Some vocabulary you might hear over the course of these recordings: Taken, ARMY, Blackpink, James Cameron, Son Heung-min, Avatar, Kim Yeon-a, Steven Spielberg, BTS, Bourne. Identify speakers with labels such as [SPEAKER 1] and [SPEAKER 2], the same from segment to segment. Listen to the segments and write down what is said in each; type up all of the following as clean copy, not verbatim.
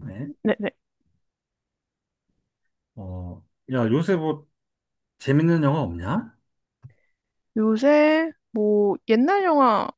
[SPEAKER 1] 네.
[SPEAKER 2] 네네.
[SPEAKER 1] 어, 야, 요새 뭐 재밌는 영화 없냐?
[SPEAKER 2] 요새 뭐 옛날 영화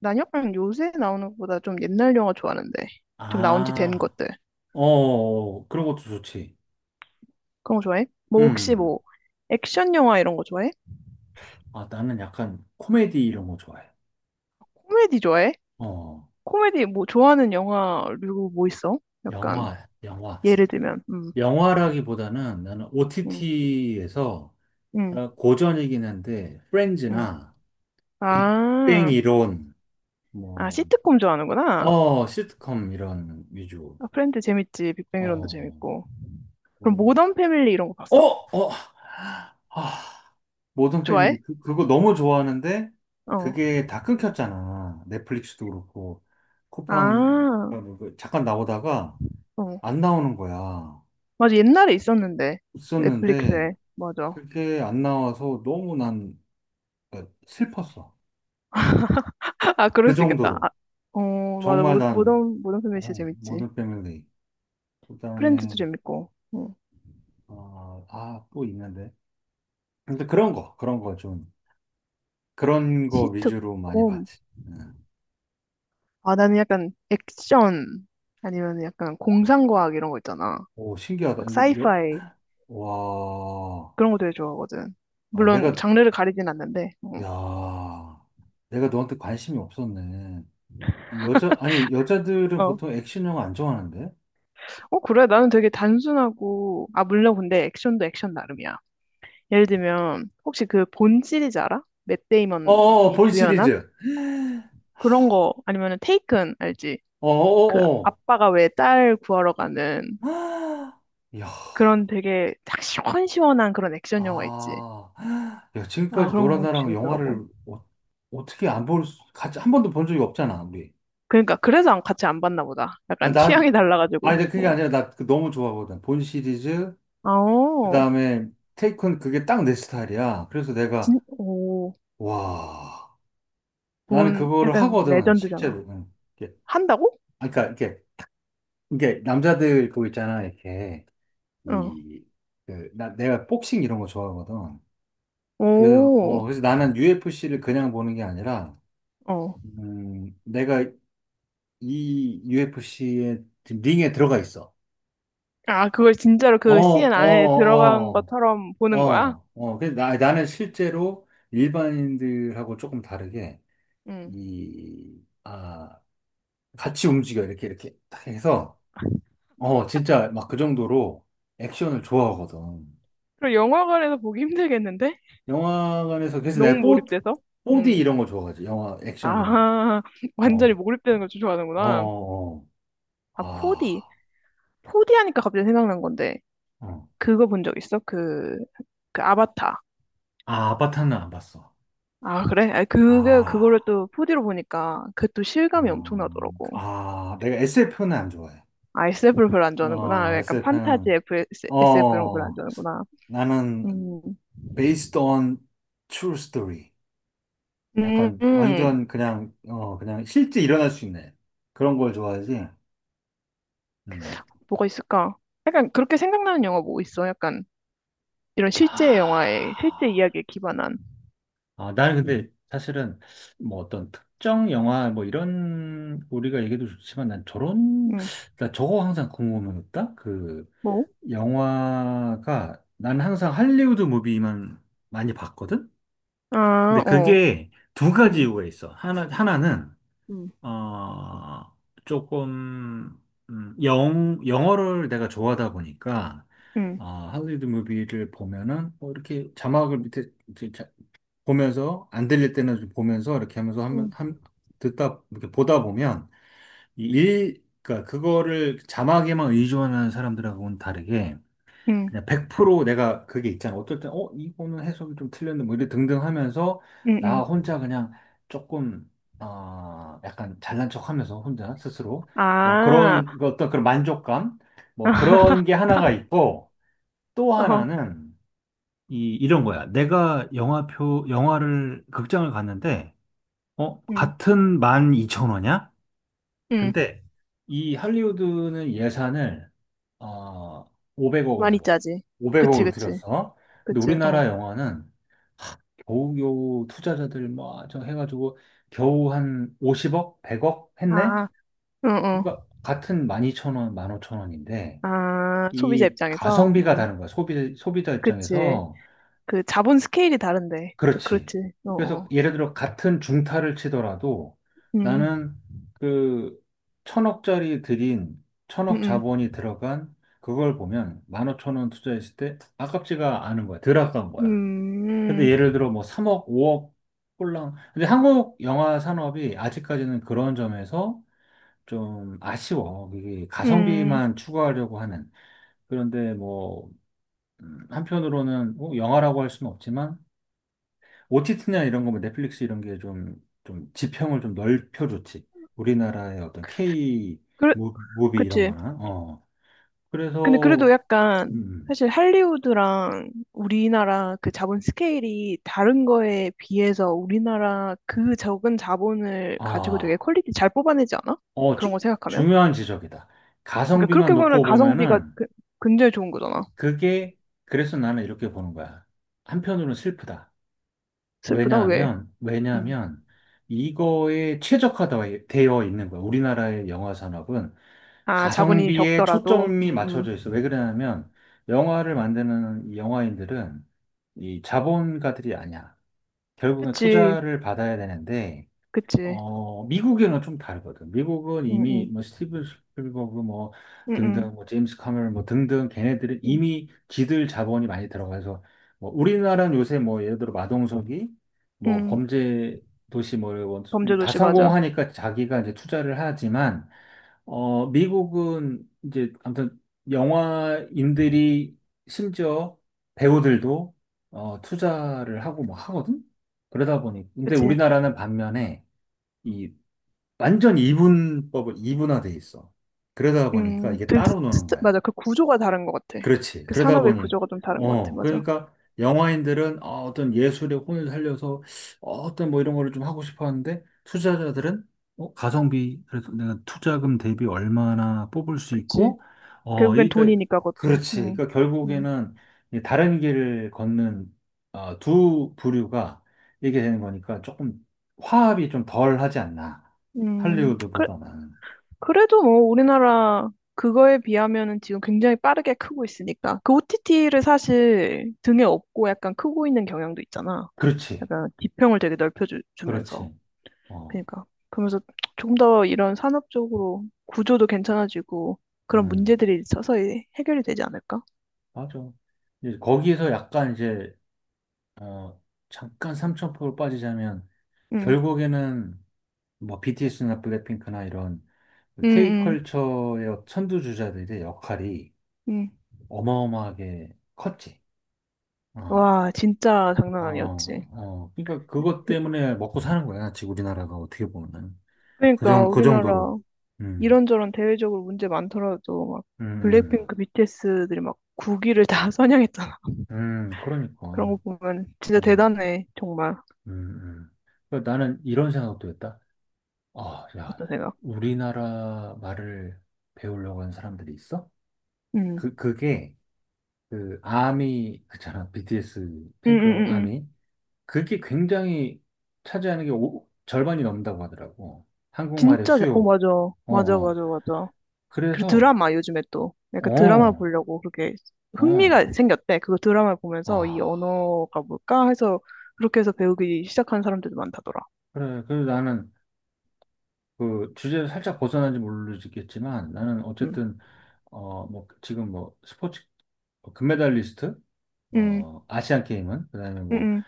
[SPEAKER 2] 난영랑 요새 나오는 것보다 좀 옛날 영화 좋아하는데 좀 나온 지 된
[SPEAKER 1] 아,
[SPEAKER 2] 것들
[SPEAKER 1] 어, 그런 것도 좋지.
[SPEAKER 2] 그런 거 좋아해? 뭐 혹시
[SPEAKER 1] 음,
[SPEAKER 2] 뭐 액션 영화 이런 거 좋아해?
[SPEAKER 1] 아, 나는 약간 코미디 이런 거 좋아해.
[SPEAKER 2] 코미디 좋아해?
[SPEAKER 1] 어,
[SPEAKER 2] 코미디 뭐 좋아하는 영화류 뭐 있어? 약간
[SPEAKER 1] 영화.
[SPEAKER 2] 예를 들면
[SPEAKER 1] 영화라기보다는 나는
[SPEAKER 2] 음,
[SPEAKER 1] OTT에서
[SPEAKER 2] 음,
[SPEAKER 1] 고전이긴 한데,
[SPEAKER 2] 음.
[SPEAKER 1] 프렌즈나 빅뱅
[SPEAKER 2] 아,
[SPEAKER 1] 이론,
[SPEAKER 2] 아
[SPEAKER 1] 뭐,
[SPEAKER 2] 시트콤 좋아하는구나.
[SPEAKER 1] 어, 시트콤 이런 위주.
[SPEAKER 2] 아 프렌드 재밌지. 빅뱅 이론도
[SPEAKER 1] 어,
[SPEAKER 2] 재밌고. 그럼 모던 패밀리 이런 거
[SPEAKER 1] 어,
[SPEAKER 2] 봤어?
[SPEAKER 1] 어, 아, 모든
[SPEAKER 2] 좋아해?
[SPEAKER 1] 패밀리 그거 너무 좋아하는데
[SPEAKER 2] 어.
[SPEAKER 1] 그게 다 끊겼잖아. 넷플릭스도 그렇고 쿠팡 어,
[SPEAKER 2] 아,
[SPEAKER 1] 뭐그 잠깐 나오다가
[SPEAKER 2] 어.
[SPEAKER 1] 안 나오는 거야.
[SPEAKER 2] 맞아, 옛날에 있었는데.
[SPEAKER 1] 있었는데
[SPEAKER 2] 넷플릭스에. 맞아.
[SPEAKER 1] 그게 안 나와서 너무 난 그러니까 슬펐어.
[SPEAKER 2] 아, 그럴
[SPEAKER 1] 그
[SPEAKER 2] 수 있겠다. 아,
[SPEAKER 1] 정도로
[SPEAKER 2] 어, 맞아.
[SPEAKER 1] 정말
[SPEAKER 2] 모,
[SPEAKER 1] 난
[SPEAKER 2] 모던, 모던 패밀리 진짜
[SPEAKER 1] 어,
[SPEAKER 2] 재밌지.
[SPEAKER 1] 모든 패밀리 그다음에
[SPEAKER 2] 프렌즈도 재밌고. 응.
[SPEAKER 1] 어, 아, 또 있는데 근데 그런 거 위주로 많이
[SPEAKER 2] 시트콤.
[SPEAKER 1] 봤지. 응.
[SPEAKER 2] 아, 나는 약간 액션, 아니면 약간 공상과학 이런 거 있잖아.
[SPEAKER 1] 오, 신기하다.
[SPEAKER 2] 막 사이파이.
[SPEAKER 1] 와,
[SPEAKER 2] 그런 거 되게 좋아하거든.
[SPEAKER 1] 아,
[SPEAKER 2] 물론
[SPEAKER 1] 내가,
[SPEAKER 2] 장르를 가리진 않는데. 응.
[SPEAKER 1] 야, 내가 너한테 관심이 없었네. 아니, 아니, 여자들은
[SPEAKER 2] 어.
[SPEAKER 1] 보통 액션 영화 안 좋아하는데?
[SPEAKER 2] 어, 그래. 나는 되게 단순하고, 아, 물론 근데 액션도 액션 나름이야. 예를 들면, 혹시 그 본 시리즈 알아? 맷 데이먼이
[SPEAKER 1] 어어, 본
[SPEAKER 2] 주연한?
[SPEAKER 1] 시리즈.
[SPEAKER 2] 그런 거 아니면은 테이큰 알지?
[SPEAKER 1] 어
[SPEAKER 2] 그
[SPEAKER 1] 어어.
[SPEAKER 2] 아빠가 왜 딸 구하러 가는
[SPEAKER 1] 야,
[SPEAKER 2] 그런 되게 딱 시원시원한 그런 액션 영화 있지.
[SPEAKER 1] 아, 야,
[SPEAKER 2] 아,
[SPEAKER 1] 지금까지
[SPEAKER 2] 그런
[SPEAKER 1] 너랑
[SPEAKER 2] 거
[SPEAKER 1] 나랑
[SPEAKER 2] 재밌더라고.
[SPEAKER 1] 영화를 어, 어떻게 안 볼, 같이 한 번도 본 적이 없잖아, 우리.
[SPEAKER 2] 그러니까 그래서 같이 안 봤나 보다.
[SPEAKER 1] 아,
[SPEAKER 2] 약간
[SPEAKER 1] 나,
[SPEAKER 2] 취향이 달라가지고.
[SPEAKER 1] 아니, 나 그게
[SPEAKER 2] 어.
[SPEAKER 1] 아니라 나 그 너무 좋아하거든. 본 시리즈, 그
[SPEAKER 2] 아오.
[SPEAKER 1] 다음에 테이큰 그게 딱 내 스타일이야. 그래서 내가,
[SPEAKER 2] 오.
[SPEAKER 1] 와. 나는
[SPEAKER 2] 본
[SPEAKER 1] 그거를
[SPEAKER 2] 약간
[SPEAKER 1] 하거든,
[SPEAKER 2] 레전드잖아.
[SPEAKER 1] 실제로. 응. 이게,
[SPEAKER 2] 한다고?
[SPEAKER 1] 아, 그러니까 이게 남자들 그거 있잖아, 이렇게
[SPEAKER 2] 어.
[SPEAKER 1] 이 그 나 내가 복싱 이런 거 좋아하거든. 그래서 어
[SPEAKER 2] 오.
[SPEAKER 1] 그래서 나는 UFC를 그냥 보는 게 아니라,
[SPEAKER 2] 어.
[SPEAKER 1] 내가 이 UFC의 링에 들어가 있어.
[SPEAKER 2] 아, 그걸 진짜로 그
[SPEAKER 1] 어,
[SPEAKER 2] CN 안에
[SPEAKER 1] 어,
[SPEAKER 2] 들어간
[SPEAKER 1] 어,
[SPEAKER 2] 것처럼 보는 거야?
[SPEAKER 1] 어, 어. 그래서 나 나는 실제로 일반인들하고 조금 다르게
[SPEAKER 2] 응.
[SPEAKER 1] 이 아 같이 움직여 이렇게 이렇게 딱 해서. 어, 진짜 막 그 정도로 액션을 좋아하거든.
[SPEAKER 2] 그럼 영화관에서 보기 힘들겠는데?
[SPEAKER 1] 영화관에서, 그래서 내가 4,
[SPEAKER 2] 너무 몰입돼서?
[SPEAKER 1] 4D
[SPEAKER 2] 음.
[SPEAKER 1] 이런 거 좋아하지. 영화,
[SPEAKER 2] 아,
[SPEAKER 1] 액션 이런 거.
[SPEAKER 2] 완전히
[SPEAKER 1] 어,
[SPEAKER 2] 몰입되는 걸
[SPEAKER 1] 어,
[SPEAKER 2] 좋아하는구나.
[SPEAKER 1] 어.
[SPEAKER 2] 아, 4D.
[SPEAKER 1] 아,
[SPEAKER 2] 4D 하니까 갑자기 생각난 건데,
[SPEAKER 1] 어.
[SPEAKER 2] 그거 본 적 있어? 그 아바타.
[SPEAKER 1] 아, 아바타는 안 봤어.
[SPEAKER 2] 아, 그래? 그거를
[SPEAKER 1] 아,
[SPEAKER 2] 또 4D로 보니까, 그 또 실감이
[SPEAKER 1] 어, 그,
[SPEAKER 2] 엄청나더라고.
[SPEAKER 1] 아, 내가 SF는 안 좋아해.
[SPEAKER 2] 아, SF를 별로 안
[SPEAKER 1] 어,
[SPEAKER 2] 좋아하는구나. 약간 판타지 SF 이런 거 별로 안
[SPEAKER 1] 어,
[SPEAKER 2] 좋아하는구나.
[SPEAKER 1] 나는
[SPEAKER 2] 음,
[SPEAKER 1] based on true story.
[SPEAKER 2] 음,
[SPEAKER 1] 약간
[SPEAKER 2] 음.
[SPEAKER 1] 완전 그냥, 어, 그냥 실제 일어날 수 있는 그런 걸 좋아하지. 음.
[SPEAKER 2] 뭐가 있을까? 약간 그렇게 생각나는 영화 뭐 있어? 약간 이런 실제 영화에,
[SPEAKER 1] 아,
[SPEAKER 2] 실제 이야기에 기반한.
[SPEAKER 1] 아, 나는 근데 사실은 뭐 어떤 특정 영화 뭐 이런 우리가 얘기도 좋지만 난 저런,
[SPEAKER 2] 음,
[SPEAKER 1] 나 저거 항상 궁금했다? 그
[SPEAKER 2] 뭐?
[SPEAKER 1] 영화가 난 항상 할리우드 무비만 많이 봤거든? 근데
[SPEAKER 2] 아, 어.
[SPEAKER 1] 그게 두 가지
[SPEAKER 2] 음,
[SPEAKER 1] 이유가 있어. 하나는,
[SPEAKER 2] 음,
[SPEAKER 1] 어, 조금, 영어를 내가 좋아하다 보니까
[SPEAKER 2] 음.
[SPEAKER 1] 아, 할리우드 무비를 보면은 뭐 이렇게 자막을 밑에 보면서 안 들릴 때는 좀 보면서 이렇게 하면서 한번
[SPEAKER 2] 음.
[SPEAKER 1] 한 듣다 이렇게 보다 보면 이 일, 그러니까 그거를 자막에만 의존하는 사람들하고는 다르게
[SPEAKER 2] 응,
[SPEAKER 1] 그냥 100% 내가 그게 있잖아. 어떨 때 어, 이거는 해석이 좀 틀렸는데 뭐 이래 등등 하면서
[SPEAKER 2] 응,
[SPEAKER 1] 나
[SPEAKER 2] 응.
[SPEAKER 1] 혼자 그냥 조금 아, 약간 잘난 척 하면서 혼자 스스로 뭐
[SPEAKER 2] 아,
[SPEAKER 1] 그런 그 어떤 그런 만족감 뭐 그런 게 하나가 있고 또
[SPEAKER 2] 어,
[SPEAKER 1] 하나는 이런 거야. 내가 극장을 갔는데, 어,
[SPEAKER 2] 응,
[SPEAKER 1] 같은 12,000원이야?
[SPEAKER 2] 응.
[SPEAKER 1] 근데 이 할리우드는 예산을, 어, 500억을
[SPEAKER 2] 많이
[SPEAKER 1] 들어.
[SPEAKER 2] 짜지. 그치,
[SPEAKER 1] 500억을
[SPEAKER 2] 그치,
[SPEAKER 1] 들였어. 근데
[SPEAKER 2] 그치,
[SPEAKER 1] 우리나라
[SPEAKER 2] 어.
[SPEAKER 1] 영화는 하, 겨우겨우 투자자들 뭐, 저 해가지고 겨우 한 50억? 100억 했네?
[SPEAKER 2] 아, 응, 응.
[SPEAKER 1] 그러니까 같은 12,000원, 15,000원인데,
[SPEAKER 2] 아, 소비자
[SPEAKER 1] 이
[SPEAKER 2] 입장에서?
[SPEAKER 1] 가성비가 다른 거야. 소비자
[SPEAKER 2] 그치.
[SPEAKER 1] 입장에서.
[SPEAKER 2] 그 자본 스케일이 다른데.
[SPEAKER 1] 그렇지.
[SPEAKER 2] 그렇지, 어,
[SPEAKER 1] 그래서
[SPEAKER 2] 어.
[SPEAKER 1] 예를 들어 같은 중타를 치더라도
[SPEAKER 2] 음,
[SPEAKER 1] 나는 그 1,000억짜리 들인 1,000억
[SPEAKER 2] 음,
[SPEAKER 1] 자본이 들어간 그걸 보면 15,000원 투자했을 때 아깝지가 않은 거야. 덜 아까운
[SPEAKER 2] 음,
[SPEAKER 1] 거야. 근데
[SPEAKER 2] 음,
[SPEAKER 1] 예를 들어 뭐 3억, 5억 꼴랑. 근데 한국 영화 산업이 아직까지는 그런 점에서 좀 아쉬워. 이게
[SPEAKER 2] 음.
[SPEAKER 1] 가성비만 추구하려고 하는. 그런데 뭐 한편으로는 뭐 영화라고 할 수는 없지만 OTT나 이런 거뭐 넷플릭스 이런 게 좀 지평을 좀 넓혀줬지. 우리나라의 어떤 K
[SPEAKER 2] 그,
[SPEAKER 1] 무비 이런
[SPEAKER 2] 그치.
[SPEAKER 1] 거나. 어.
[SPEAKER 2] 근데 그래도
[SPEAKER 1] 그래서,
[SPEAKER 2] 약간
[SPEAKER 1] 음,
[SPEAKER 2] 사실 할리우드랑 우리나라 그 자본 스케일이 다른 거에 비해서 우리나라 그 적은 자본을 가지고 되게
[SPEAKER 1] 아,
[SPEAKER 2] 퀄리티 잘 뽑아내지 않아?
[SPEAKER 1] 어,
[SPEAKER 2] 그런 거 생각하면?
[SPEAKER 1] 중요한 지적이다.
[SPEAKER 2] 그러니까
[SPEAKER 1] 가성비만
[SPEAKER 2] 그렇게 보면
[SPEAKER 1] 놓고
[SPEAKER 2] 가성비가
[SPEAKER 1] 보면은
[SPEAKER 2] 굉장히 좋은 거잖아.
[SPEAKER 1] 그게, 그래서 나는 이렇게 보는 거야. 한편으로는 슬프다.
[SPEAKER 2] 슬프다? 왜? 음.
[SPEAKER 1] 왜냐하면, 이거에 최적화되어 있는 거야. 우리나라의 영화 산업은
[SPEAKER 2] 아, 자본이
[SPEAKER 1] 가성비에
[SPEAKER 2] 적더라도.
[SPEAKER 1] 초점이 맞춰져 있어. 왜 그러냐면, 영화를 만드는 이 영화인들은 이 자본가들이 아니야. 결국엔
[SPEAKER 2] 그치,
[SPEAKER 1] 투자를 받아야 되는데,
[SPEAKER 2] 그치.
[SPEAKER 1] 어, 미국이랑 좀 다르거든. 미국은
[SPEAKER 2] 음,
[SPEAKER 1] 이미
[SPEAKER 2] 음,
[SPEAKER 1] 뭐 스티븐 스필버그 뭐
[SPEAKER 2] 음,
[SPEAKER 1] 등등
[SPEAKER 2] 음,
[SPEAKER 1] 뭐 제임스 카메론 뭐 등등 걔네들은
[SPEAKER 2] 음.
[SPEAKER 1] 이미 지들 자본이 많이 들어가서 뭐 우리나라는 요새 뭐 예를 들어 마동석이 뭐
[SPEAKER 2] 음.
[SPEAKER 1] 범죄 도시 뭐다
[SPEAKER 2] 범죄도시 맞아.
[SPEAKER 1] 성공하니까 자기가 이제 투자를 하지만 어, 미국은 이제 아무튼 영화인들이 심지어 배우들도 어, 투자를 하고 뭐 하거든. 그러다 보니 근데
[SPEAKER 2] 그치.
[SPEAKER 1] 우리나라는 반면에 이 완전 이분법을 이분화돼 있어. 그러다 보니까
[SPEAKER 2] 음,
[SPEAKER 1] 이게
[SPEAKER 2] 그,
[SPEAKER 1] 따로 노는
[SPEAKER 2] 스- 맞아.
[SPEAKER 1] 거야.
[SPEAKER 2] 그 구조가 다른 것 같아.
[SPEAKER 1] 그렇지.
[SPEAKER 2] 그
[SPEAKER 1] 그러다
[SPEAKER 2] 산업의
[SPEAKER 1] 보니,
[SPEAKER 2] 구조가 좀 다른 것 같아.
[SPEAKER 1] 어,
[SPEAKER 2] 맞아.
[SPEAKER 1] 그러니까 영화인들은 어, 어떤 예술의 혼을 살려서 어, 떤뭐 이런 거를 좀 하고 싶어 하는데 투자자들은 어, 가성비, 그래서 내가 투자금 대비 얼마나 뽑을 수
[SPEAKER 2] 그치.
[SPEAKER 1] 있고, 어,
[SPEAKER 2] 결국엔
[SPEAKER 1] 그러니까,
[SPEAKER 2] 돈이니까 그것도.
[SPEAKER 1] 그렇지.
[SPEAKER 2] 음.
[SPEAKER 1] 그러니까
[SPEAKER 2] 음.
[SPEAKER 1] 결국에는 이 다른 길을 걷는 어, 두 부류가 이게 되는 거니까 조금 화합이 좀 덜 하지 않나.
[SPEAKER 2] 음.
[SPEAKER 1] 할리우드보다는.
[SPEAKER 2] 그래도 뭐 우리나라 그거에 비하면은 지금 굉장히 빠르게 크고 있으니까. 그 OTT를 사실 등에 업고 약간 크고 있는 경향도 있잖아.
[SPEAKER 1] 그렇지.
[SPEAKER 2] 약간 지평을 되게 넓혀주면서.
[SPEAKER 1] 그렇지. 어,
[SPEAKER 2] 그러니까. 그러면서 조금 더 이런 산업적으로 구조도 괜찮아지고 그런
[SPEAKER 1] 음.
[SPEAKER 2] 문제들이 서서히 해결이 되지 않을까?
[SPEAKER 1] 맞아. 이제 거기에서 약간 이제, 어, 잠깐 삼천포로 빠지자면,
[SPEAKER 2] 음.
[SPEAKER 1] 결국에는 뭐 BTS나 블랙핑크나 이런
[SPEAKER 2] 음, 음,
[SPEAKER 1] K컬처의 선두주자들의 역할이
[SPEAKER 2] 음.
[SPEAKER 1] 어마어마하게 컸지. 어,
[SPEAKER 2] 와, 진짜
[SPEAKER 1] 어,
[SPEAKER 2] 장난 아니었지.
[SPEAKER 1] 어. 그러니까 그것 때문에 먹고 사는 거야. 지금 우리나라가 어떻게 보면.
[SPEAKER 2] 그러니까
[SPEAKER 1] 그
[SPEAKER 2] 우리나라
[SPEAKER 1] 정도로. 음,
[SPEAKER 2] 이런저런 대외적으로 문제 많더라도 막
[SPEAKER 1] 음,
[SPEAKER 2] 블랙핑크 BTS들이 막 국위를 다 선양했잖아. 그런
[SPEAKER 1] 그러니까.
[SPEAKER 2] 거 보면 진짜
[SPEAKER 1] 음,
[SPEAKER 2] 대단해. 정말.
[SPEAKER 1] 음, 음. 그러니까 나는 이런 생각도 했다. 아, 야,
[SPEAKER 2] 어떠세요?
[SPEAKER 1] 우리나라 말을 배우려고 하는 사람들이 있어?
[SPEAKER 2] 음.
[SPEAKER 1] 그, 그게, 아미, 그잖아, BTS
[SPEAKER 2] 음, 음,
[SPEAKER 1] 팬클럽
[SPEAKER 2] 음, 음.
[SPEAKER 1] 아미. 그게 굉장히 차지하는 게 절반이 넘는다고 하더라고. 한국말의
[SPEAKER 2] 어
[SPEAKER 1] 수요.
[SPEAKER 2] 맞아.
[SPEAKER 1] 어,
[SPEAKER 2] 맞아,
[SPEAKER 1] 어.
[SPEAKER 2] 맞아, 맞아. 그리고
[SPEAKER 1] 그래서,
[SPEAKER 2] 드라마 요즘에 또 약간 드라마
[SPEAKER 1] 어,
[SPEAKER 2] 보려고 그렇게
[SPEAKER 1] 어.
[SPEAKER 2] 흥미가 생겼대. 그거 드라마 보면서 이
[SPEAKER 1] 아,
[SPEAKER 2] 언어가 뭘까 해서 그렇게 해서 배우기 시작한 사람들도 많다더라.
[SPEAKER 1] 그래. 그래서 나는 그 주제를 살짝 벗어난지 모르겠지만, 나는
[SPEAKER 2] 음.
[SPEAKER 1] 어쨌든, 어, 뭐, 지금 뭐, 스포츠 뭐 금메달리스트,
[SPEAKER 2] 음.
[SPEAKER 1] 어, 아시안 게임은, 그다음에 뭐
[SPEAKER 2] 음.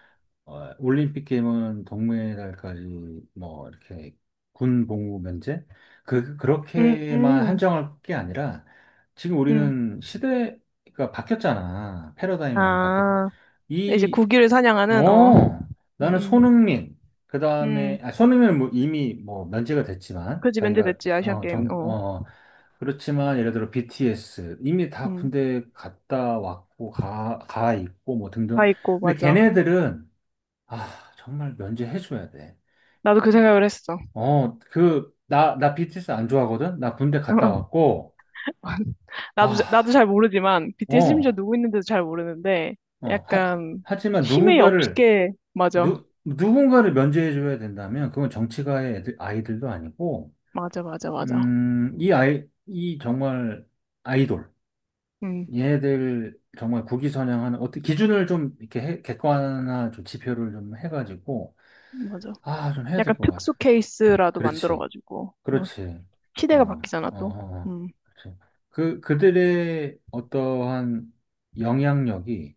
[SPEAKER 1] 어, 올림픽 게임은 동메달까지 뭐 이렇게 군 복무 면제
[SPEAKER 2] 음. 음.
[SPEAKER 1] 그렇게만
[SPEAKER 2] 음.
[SPEAKER 1] 한정할 게 아니라 지금
[SPEAKER 2] 음.
[SPEAKER 1] 우리는 시대가 바뀌었잖아. 패러다임이 많이 바뀌었.
[SPEAKER 2] 아, 이제
[SPEAKER 1] 이
[SPEAKER 2] 국기를 사냥하는 어.
[SPEAKER 1] 어,
[SPEAKER 2] 음.
[SPEAKER 1] 나는
[SPEAKER 2] 음.
[SPEAKER 1] 손흥민 그다음에
[SPEAKER 2] 음,
[SPEAKER 1] 아 손흥민은 뭐 이미 뭐 면제가 됐지만
[SPEAKER 2] 그지
[SPEAKER 1] 자기가
[SPEAKER 2] 면제됐지 아시안
[SPEAKER 1] 어,
[SPEAKER 2] 게임.
[SPEAKER 1] 정,
[SPEAKER 2] 어,
[SPEAKER 1] 어 그렇지만 예를 들어 BTS 이미 다
[SPEAKER 2] 음,
[SPEAKER 1] 군대 갔다 왔고 가 있고 뭐 등등.
[SPEAKER 2] 다 있고
[SPEAKER 1] 근데
[SPEAKER 2] 맞아.
[SPEAKER 1] 걔네들은 아, 정말 면제해줘야 돼.
[SPEAKER 2] 나도 그 생각을 했어.
[SPEAKER 1] 어, 그, 나, 나 BTS 안 좋아하거든? 나 군대 갔다 왔고,
[SPEAKER 2] 나도
[SPEAKER 1] 아,
[SPEAKER 2] 잘 모르지만 BTS 심지어
[SPEAKER 1] 어,
[SPEAKER 2] 누구 있는지도 잘 모르는데
[SPEAKER 1] 어, 하,
[SPEAKER 2] 약간
[SPEAKER 1] 하지만
[SPEAKER 2] 힘이
[SPEAKER 1] 누군가를,
[SPEAKER 2] 없게 맞아,
[SPEAKER 1] 누군가를 면제해줘야 된다면, 그건 정치가의 애들, 아이들도 아니고,
[SPEAKER 2] 맞아, 맞아, 맞아.
[SPEAKER 1] 이 정말 아이돌,
[SPEAKER 2] 음,
[SPEAKER 1] 얘들 정말 국위선양하는, 어떻게 기준을 좀 이렇게 객관화 좀 지표를 좀 해가지고,
[SPEAKER 2] 맞아.
[SPEAKER 1] 아, 좀 해야 될
[SPEAKER 2] 약간
[SPEAKER 1] 것 같아.
[SPEAKER 2] 특수 케이스라도
[SPEAKER 1] 그렇지.
[SPEAKER 2] 만들어가지고 막
[SPEAKER 1] 그렇지. 어,
[SPEAKER 2] 시대가 바뀌잖아
[SPEAKER 1] 어,
[SPEAKER 2] 또.
[SPEAKER 1] 어, 어.
[SPEAKER 2] 음,
[SPEAKER 1] 그렇지. 그들의 어떠한 영향력이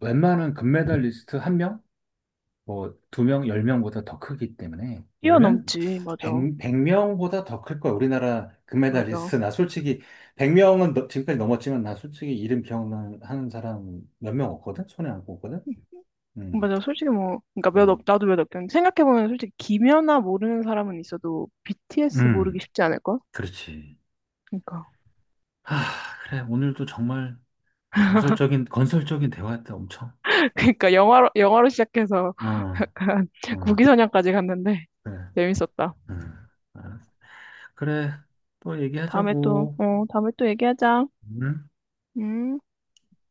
[SPEAKER 1] 웬만한 금메달리스트 한 명? 뭐, 두 명, 열 명보다 더 크기 때문에, 10명?
[SPEAKER 2] 뛰어넘지 맞아,
[SPEAKER 1] 백 명보다 더 클 거야. 우리나라
[SPEAKER 2] 맞아.
[SPEAKER 1] 금메달리스트. 나 솔직히, 백 명은 지금까지 넘었지만, 나 솔직히 이름 기억나는 사람 몇 명 없거든? 손에 안 꼽거든? 음,
[SPEAKER 2] 맞아, 솔직히 뭐, 그러니까
[SPEAKER 1] 음,
[SPEAKER 2] 나도 몇 없긴. 생각해보면 솔직히 김연아 모르는 사람은 있어도 BTS 모르기
[SPEAKER 1] 음,
[SPEAKER 2] 쉽지 않을걸?
[SPEAKER 1] 그렇지.
[SPEAKER 2] 그러니까.
[SPEAKER 1] 아, 그래. 오늘도 정말 건설적인 대화였다, 엄청.
[SPEAKER 2] 그러니까 영화로 시작해서
[SPEAKER 1] 아,
[SPEAKER 2] 약간
[SPEAKER 1] 아,
[SPEAKER 2] 구기선양까지 갔는데
[SPEAKER 1] 그래,
[SPEAKER 2] 재밌었다.
[SPEAKER 1] 음, 알았어. 그래, 또
[SPEAKER 2] 다음에 또,
[SPEAKER 1] 얘기하자고.
[SPEAKER 2] 어, 다음에 또 얘기하자.
[SPEAKER 1] 응?
[SPEAKER 2] 음.